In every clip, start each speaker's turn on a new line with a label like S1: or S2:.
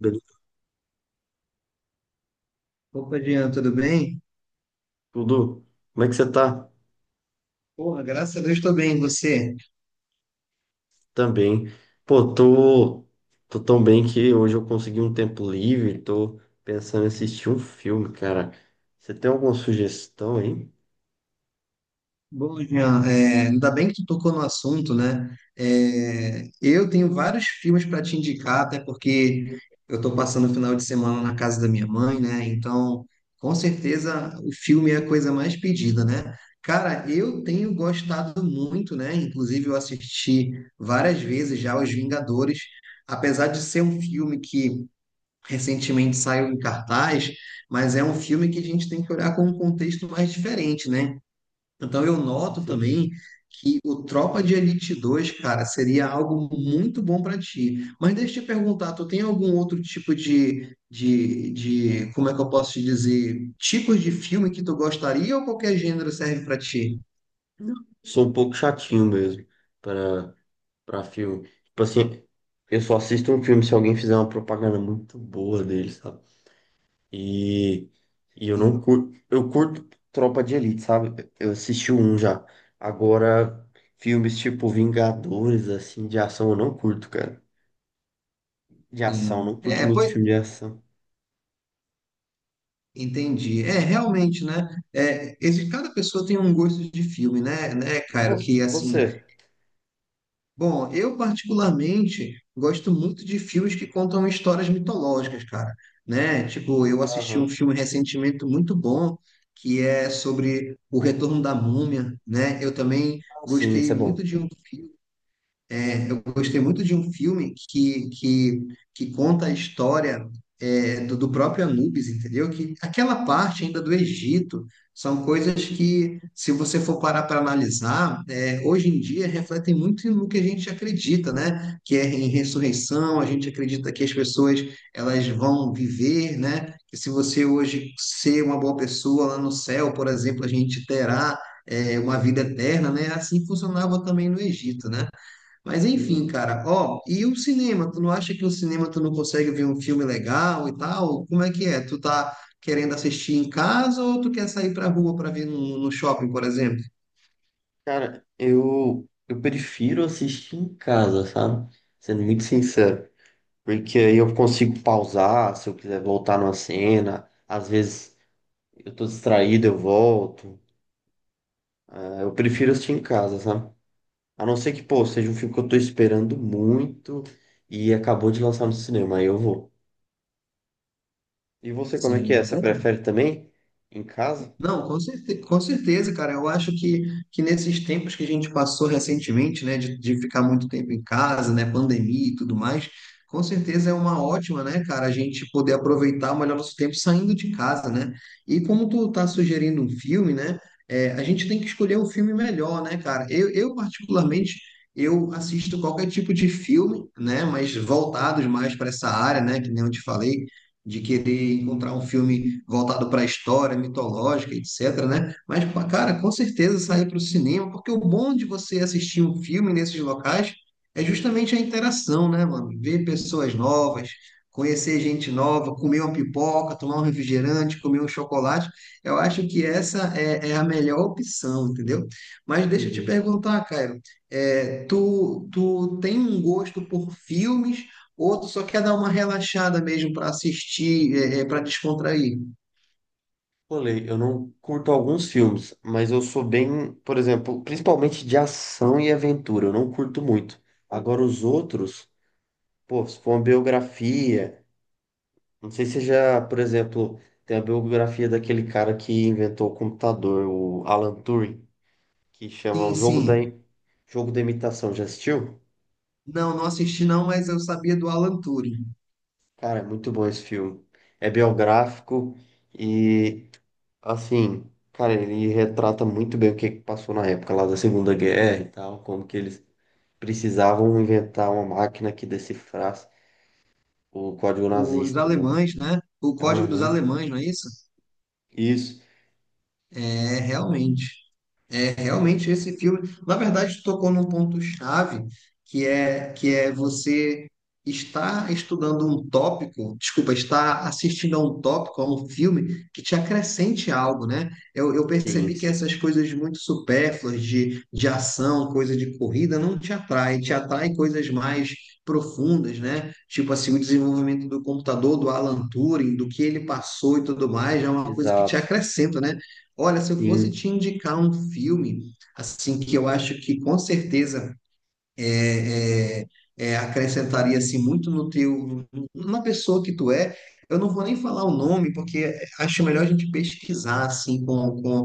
S1: Beleza,
S2: Opa, Jean, tudo bem?
S1: tudo? Como é que você tá?
S2: Porra, graças a Deus estou bem, e você?
S1: Também. Pô, tô, tô tão bem que hoje eu consegui um tempo livre, tô pensando em assistir um filme, cara. Você tem alguma sugestão aí?
S2: Bom, Jean, ainda bem que tu tocou no assunto, né? Eu tenho vários filmes para te indicar, até porque eu estou passando o final de semana na casa da minha mãe, né? Então, com certeza, o filme é a coisa mais pedida, né? Cara, eu tenho gostado muito, né? Inclusive, eu assisti várias vezes já Os Vingadores, apesar de ser um filme que recentemente saiu em cartaz, mas é um filme que a gente tem que olhar com um contexto mais diferente, né? Então eu
S1: Sim,
S2: noto
S1: sim.
S2: também que o Tropa de Elite 2, cara, seria algo muito bom para ti. Mas deixa eu te perguntar, tu tem algum outro tipo de, como é que eu posso te dizer, tipos de filme que tu gostaria ou qualquer gênero serve para ti?
S1: Sou um pouco chatinho mesmo para para filme. Tipo assim, eu só assisto um filme se alguém fizer uma propaganda muito boa dele, sabe? E, e eu
S2: Sim,
S1: não curto, eu curto Tropa de Elite, sabe? Eu assisti um já. Agora, filmes tipo Vingadores, assim, de ação, eu não curto, cara. De ação,
S2: sim.
S1: não curto
S2: É,
S1: muito
S2: pois,
S1: filme de ação.
S2: entendi. É, realmente, né? Cada pessoa tem um gosto de filme, né,
S1: E vo-
S2: Cairo? Que, assim,
S1: Você?
S2: bom, eu particularmente gosto muito de filmes que contam histórias mitológicas, cara, né? Tipo, eu assisti um
S1: Aham.
S2: filme recentemente muito bom, que é sobre o retorno da múmia, né? Eu também
S1: Ah, sim, isso
S2: gostei
S1: é
S2: muito
S1: bom.
S2: de um filme é, eu gostei muito de um filme que conta a história do próprio Anubis, entendeu? Que aquela parte ainda do Egito são coisas que, se você for parar para analisar, hoje em dia refletem muito no que a gente acredita, né? Que é em ressurreição, a gente acredita que as pessoas elas vão viver, né? Que se você hoje ser uma boa pessoa lá no céu, por exemplo, a gente terá uma vida eterna, né? Assim funcionava também no Egito, né? Mas enfim,
S1: Sim, sim.
S2: cara, ó, e o cinema? Tu não acha que o cinema tu não consegue ver um filme legal e tal? Como é que é? Tu tá querendo assistir em casa ou tu quer sair pra rua pra ver no shopping, por exemplo?
S1: Cara, eu prefiro assistir em casa, sabe? Sendo muito sincero. Porque aí eu consigo pausar se eu quiser voltar numa cena. Às vezes eu tô distraído, eu volto. Ah, eu prefiro assistir em casa, sabe? A não ser que, pô, seja um filme que eu tô esperando muito e acabou de lançar no cinema, aí eu vou. E você, como é que é?
S2: Sim.
S1: Você prefere também em casa?
S2: Não, com certe- Com certeza, cara. Eu acho que nesses tempos que a gente passou recentemente, né, de ficar muito tempo em casa, né, pandemia e tudo mais, com certeza é uma ótima, né, cara, a gente poder aproveitar melhor nosso tempo saindo de casa, né? E como tu tá sugerindo um filme, né, a gente tem que escolher um filme melhor, né, cara? Eu particularmente, eu assisto qualquer tipo de filme, né, mas voltados mais para essa área, né, que nem eu te falei de querer encontrar um filme voltado para a história mitológica, etc, né? Mas, pá, cara, com certeza sair para o cinema, porque o bom de você assistir um filme nesses locais é justamente a interação, né, mano? Ver pessoas
S1: Sim,
S2: novas, conhecer gente nova, comer uma pipoca, tomar um refrigerante, comer um chocolate. Eu acho que é a melhor opção, entendeu? Mas deixa eu te
S1: entendi.
S2: perguntar, Caio, tu tem um gosto por filmes. Outro só quer dar uma relaxada mesmo para assistir, para descontrair?
S1: Falei, eu não curto alguns filmes, mas eu sou bem, por exemplo, principalmente de ação e aventura, eu não curto muito. Agora os outros, pô, se for uma biografia, não sei se já, por exemplo, tem a biografia daquele cara que inventou o computador, o Alan Turing, que chama
S2: Sim,
S1: O Jogo da,
S2: sim.
S1: Jogo da Imitação. Já assistiu?
S2: Não, não assisti não, mas eu sabia do Alan Turing.
S1: Cara, é muito bom esse filme. É biográfico e, assim, cara, ele retrata muito bem o que que passou na época lá da Segunda Guerra e tal, como que eles precisavam inventar uma máquina que decifrasse o código
S2: Os
S1: nazista, né?
S2: alemães, né? O Código dos
S1: Aham,
S2: Alemães, não é isso?
S1: isso.
S2: É, realmente. É, realmente esse filme, na verdade, tocou num ponto-chave, que é você estar estudando um tópico, desculpa, estar assistindo a um tópico, a um filme que te acrescente algo, né? Eu
S1: Sim,
S2: percebi que
S1: sim.
S2: essas coisas muito supérfluas de ação, coisa de corrida, não te atrai, te atrai coisas mais profundas, né? Tipo assim, o desenvolvimento do computador, do Alan Turing, do que ele passou e tudo mais, é uma coisa que te
S1: Exato.
S2: acrescenta, né? Olha, se eu fosse
S1: Sim.
S2: te indicar um filme, assim, que eu acho que com certeza é, é, acrescentaria assim, muito no teu, na pessoa que tu é, eu não vou nem falar o nome, porque acho melhor a gente pesquisar assim,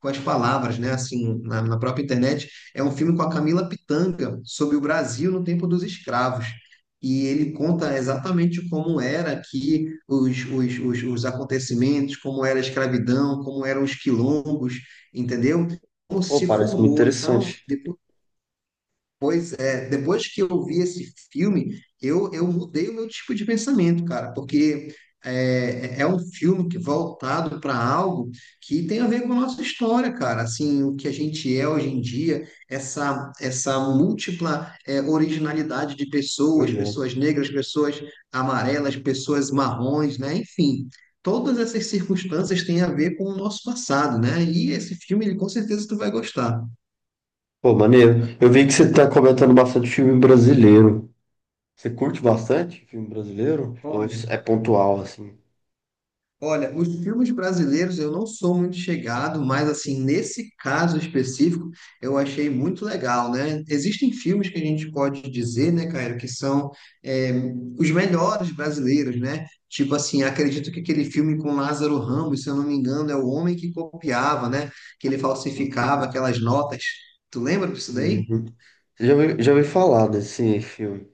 S2: com as palavras, né? Assim, na própria internet, é um filme com a Camila Pitanga sobre o Brasil no tempo dos escravos. E ele conta exatamente como era aqui os acontecimentos, como era a escravidão, como eram os quilombos, entendeu? Como
S1: Pô,
S2: se
S1: parece muito
S2: formou. Então,
S1: interessante.
S2: depois pois é, depois que eu vi esse filme, eu mudei o meu tipo de pensamento, cara, porque é um filme que voltado para algo que tem a ver com a nossa história, cara, assim, o que a gente é hoje em dia, essa múltipla originalidade de pessoas,
S1: Pois é.
S2: pessoas negras, pessoas amarelas, pessoas marrons, né, enfim. Todas essas circunstâncias têm a ver com o nosso passado, né? E esse filme, ele, com certeza, tu vai gostar.
S1: Pô, maneiro. Eu vi que você tá comentando bastante filme brasileiro. Você curte bastante filme brasileiro? Ou
S2: Olha,
S1: é pontual, assim?
S2: Olha, os filmes brasileiros eu não sou muito chegado, mas assim, nesse caso específico, eu achei muito legal, né? Existem filmes que a gente pode dizer, né, Caio, que são é, os melhores brasileiros, né? Tipo assim, acredito que aquele filme com Lázaro Ramos, se eu não me engano, é o homem que copiava, né? Que ele
S1: Sim, sim,
S2: falsificava
S1: sim.
S2: aquelas notas. Tu lembra disso daí?
S1: Uhum. Você já ouviu, já ouvi falar desse filme.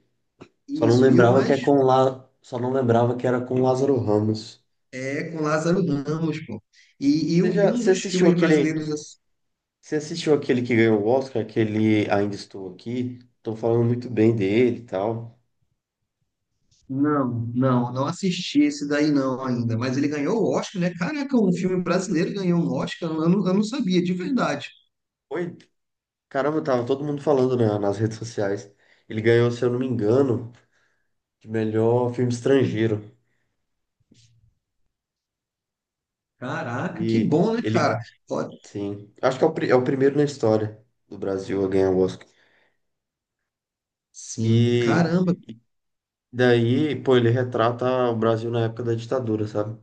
S1: Só não
S2: Isso, e o
S1: lembrava que é
S2: mais
S1: com lá, só não lembrava que era com Lázaro Ramos.
S2: é com Lázaro Ramos, pô. E,
S1: Você já,
S2: um dos filmes brasileiros.
S1: você assistiu aquele que ganhou o Oscar, aquele Ainda Estou Aqui? Estão falando muito bem dele e tal.
S2: Não, não assisti esse daí não ainda, mas ele ganhou o Oscar, né? Caraca, um filme brasileiro ganhou um Oscar, eu não sabia, de verdade.
S1: Oi, caramba, tava todo mundo falando nas redes sociais. Ele ganhou, se eu não me engano, de melhor filme estrangeiro.
S2: Caraca, que
S1: E
S2: bom, né,
S1: ele
S2: cara? Ó,
S1: sim. Acho que é o primeiro na história do Brasil a ganhar o Oscar.
S2: sim,
S1: E
S2: caramba.
S1: daí, pô, ele retrata o Brasil na época da ditadura, sabe?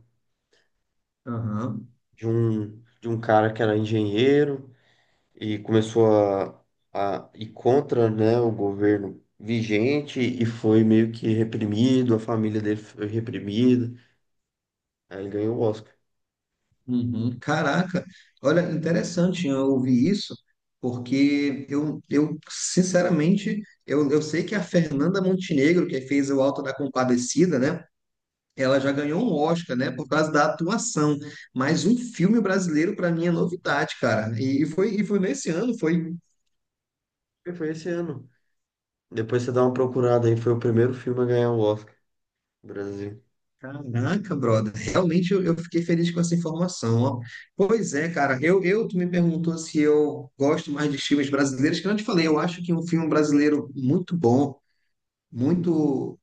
S2: Aham,
S1: De um cara que era engenheiro e começou a ir contra, né, o governo vigente e foi meio que reprimido, a família dele foi reprimida. Aí ele ganhou o Oscar.
S2: uhum, caraca. Olha, interessante eu ouvir isso, porque eu sinceramente, eu sei que a Fernanda Montenegro, que fez o Alto da Compadecida, né? Ela já ganhou um Oscar, né, por causa da atuação. Mas um filme brasileiro, para mim, é novidade, cara. E foi nesse ano, foi.
S1: E foi esse ano. Depois você dá uma procurada aí, foi o primeiro filme a ganhar o Oscar no Brasil.
S2: Caraca, brother. Realmente eu fiquei feliz com essa informação, ó. Pois é, cara. Tu me perguntou se eu gosto mais de filmes brasileiros, que eu não te falei. Eu acho que um filme brasileiro muito bom, muito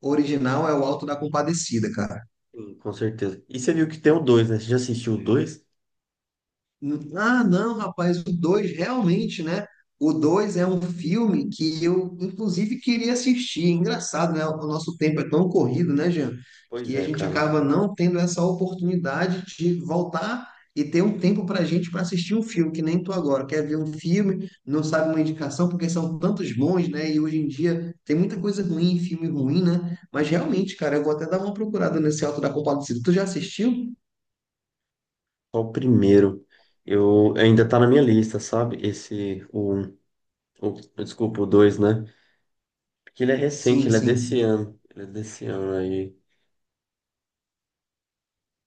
S2: original, é o Alto da Compadecida, cara.
S1: Sim, com certeza. E você viu que tem o dois, né? Você já assistiu o dois?
S2: Ah, não, rapaz, o 2 realmente, né? O 2 é um filme que eu, inclusive, queria assistir. É engraçado, né? O nosso tempo é tão corrido, né, Jean?
S1: Pois
S2: Que a
S1: é,
S2: gente
S1: cara.
S2: acaba não tendo essa oportunidade de voltar e ter um tempo para a gente para assistir um filme, que nem tu agora. Quer ver um filme, não sabe uma indicação, porque são tantos bons, né? E hoje em dia tem muita coisa ruim, filme ruim, né? Mas realmente, cara, eu vou até dar uma procurada nesse Alto da Compadecida. Tu já assistiu?
S1: Só o primeiro. Eu ainda tá na minha lista, sabe? Esse, o, um- o desculpa, o dois, né? Porque ele é recente,
S2: Sim,
S1: ele é desse
S2: sim.
S1: ano. Ele é desse ano aí.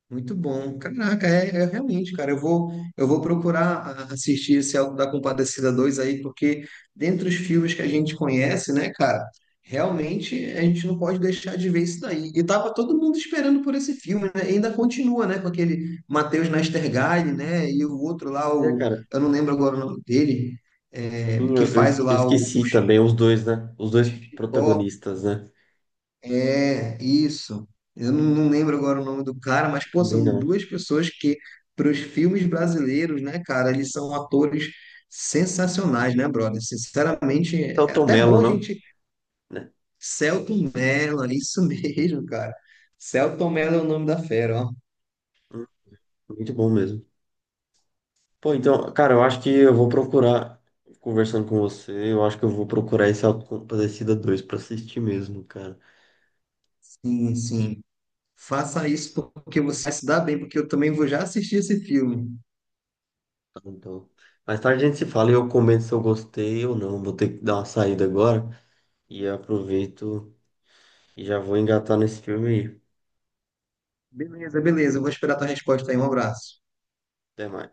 S2: Muito bom. Caraca, realmente, cara. Eu vou procurar assistir esse Auto da Compadecida 2 aí, porque dentre os filmes que a gente conhece, né, cara, realmente a gente não pode deixar de ver isso daí. E tava todo mundo esperando por esse filme, né? E ainda continua, né, com aquele Matheus Nachtergaele, né, e o outro lá,
S1: Pois é,
S2: o,
S1: cara.
S2: eu não lembro agora o nome dele,
S1: Sim,
S2: que
S1: eu, eu
S2: faz
S1: esque- eu
S2: lá o
S1: esqueci também os dois, né? Os dois
S2: Chicó.
S1: protagonistas, né?
S2: É, isso. Eu não, não lembro agora o nome do cara, mas, pô,
S1: Também
S2: são
S1: não.
S2: duas pessoas que, para os filmes brasileiros, né, cara, eles são atores sensacionais, né, brother? Sinceramente,
S1: É o
S2: é
S1: Tom
S2: até
S1: Mello,
S2: bom a
S1: não?
S2: gente.
S1: Né?
S2: Selton Mello, é isso mesmo, cara. Selton Mello é o nome da fera, ó.
S1: Hum, muito bom mesmo. Pô, então, cara, eu acho que eu vou procurar, conversando com você, eu acho que eu vou procurar esse Auto da Compadecida dois pra assistir mesmo, cara.
S2: Sim, sim. Faça isso porque você vai se dar bem, porque eu também vou já assistir esse filme.
S1: Então, mais tarde a gente se fala e eu comento se eu gostei ou não. Vou ter que dar uma saída agora e eu aproveito e já vou engatar nesse filme aí.
S2: Beleza, beleza. Eu vou esperar a tua resposta aí. Um abraço.
S1: Até mais.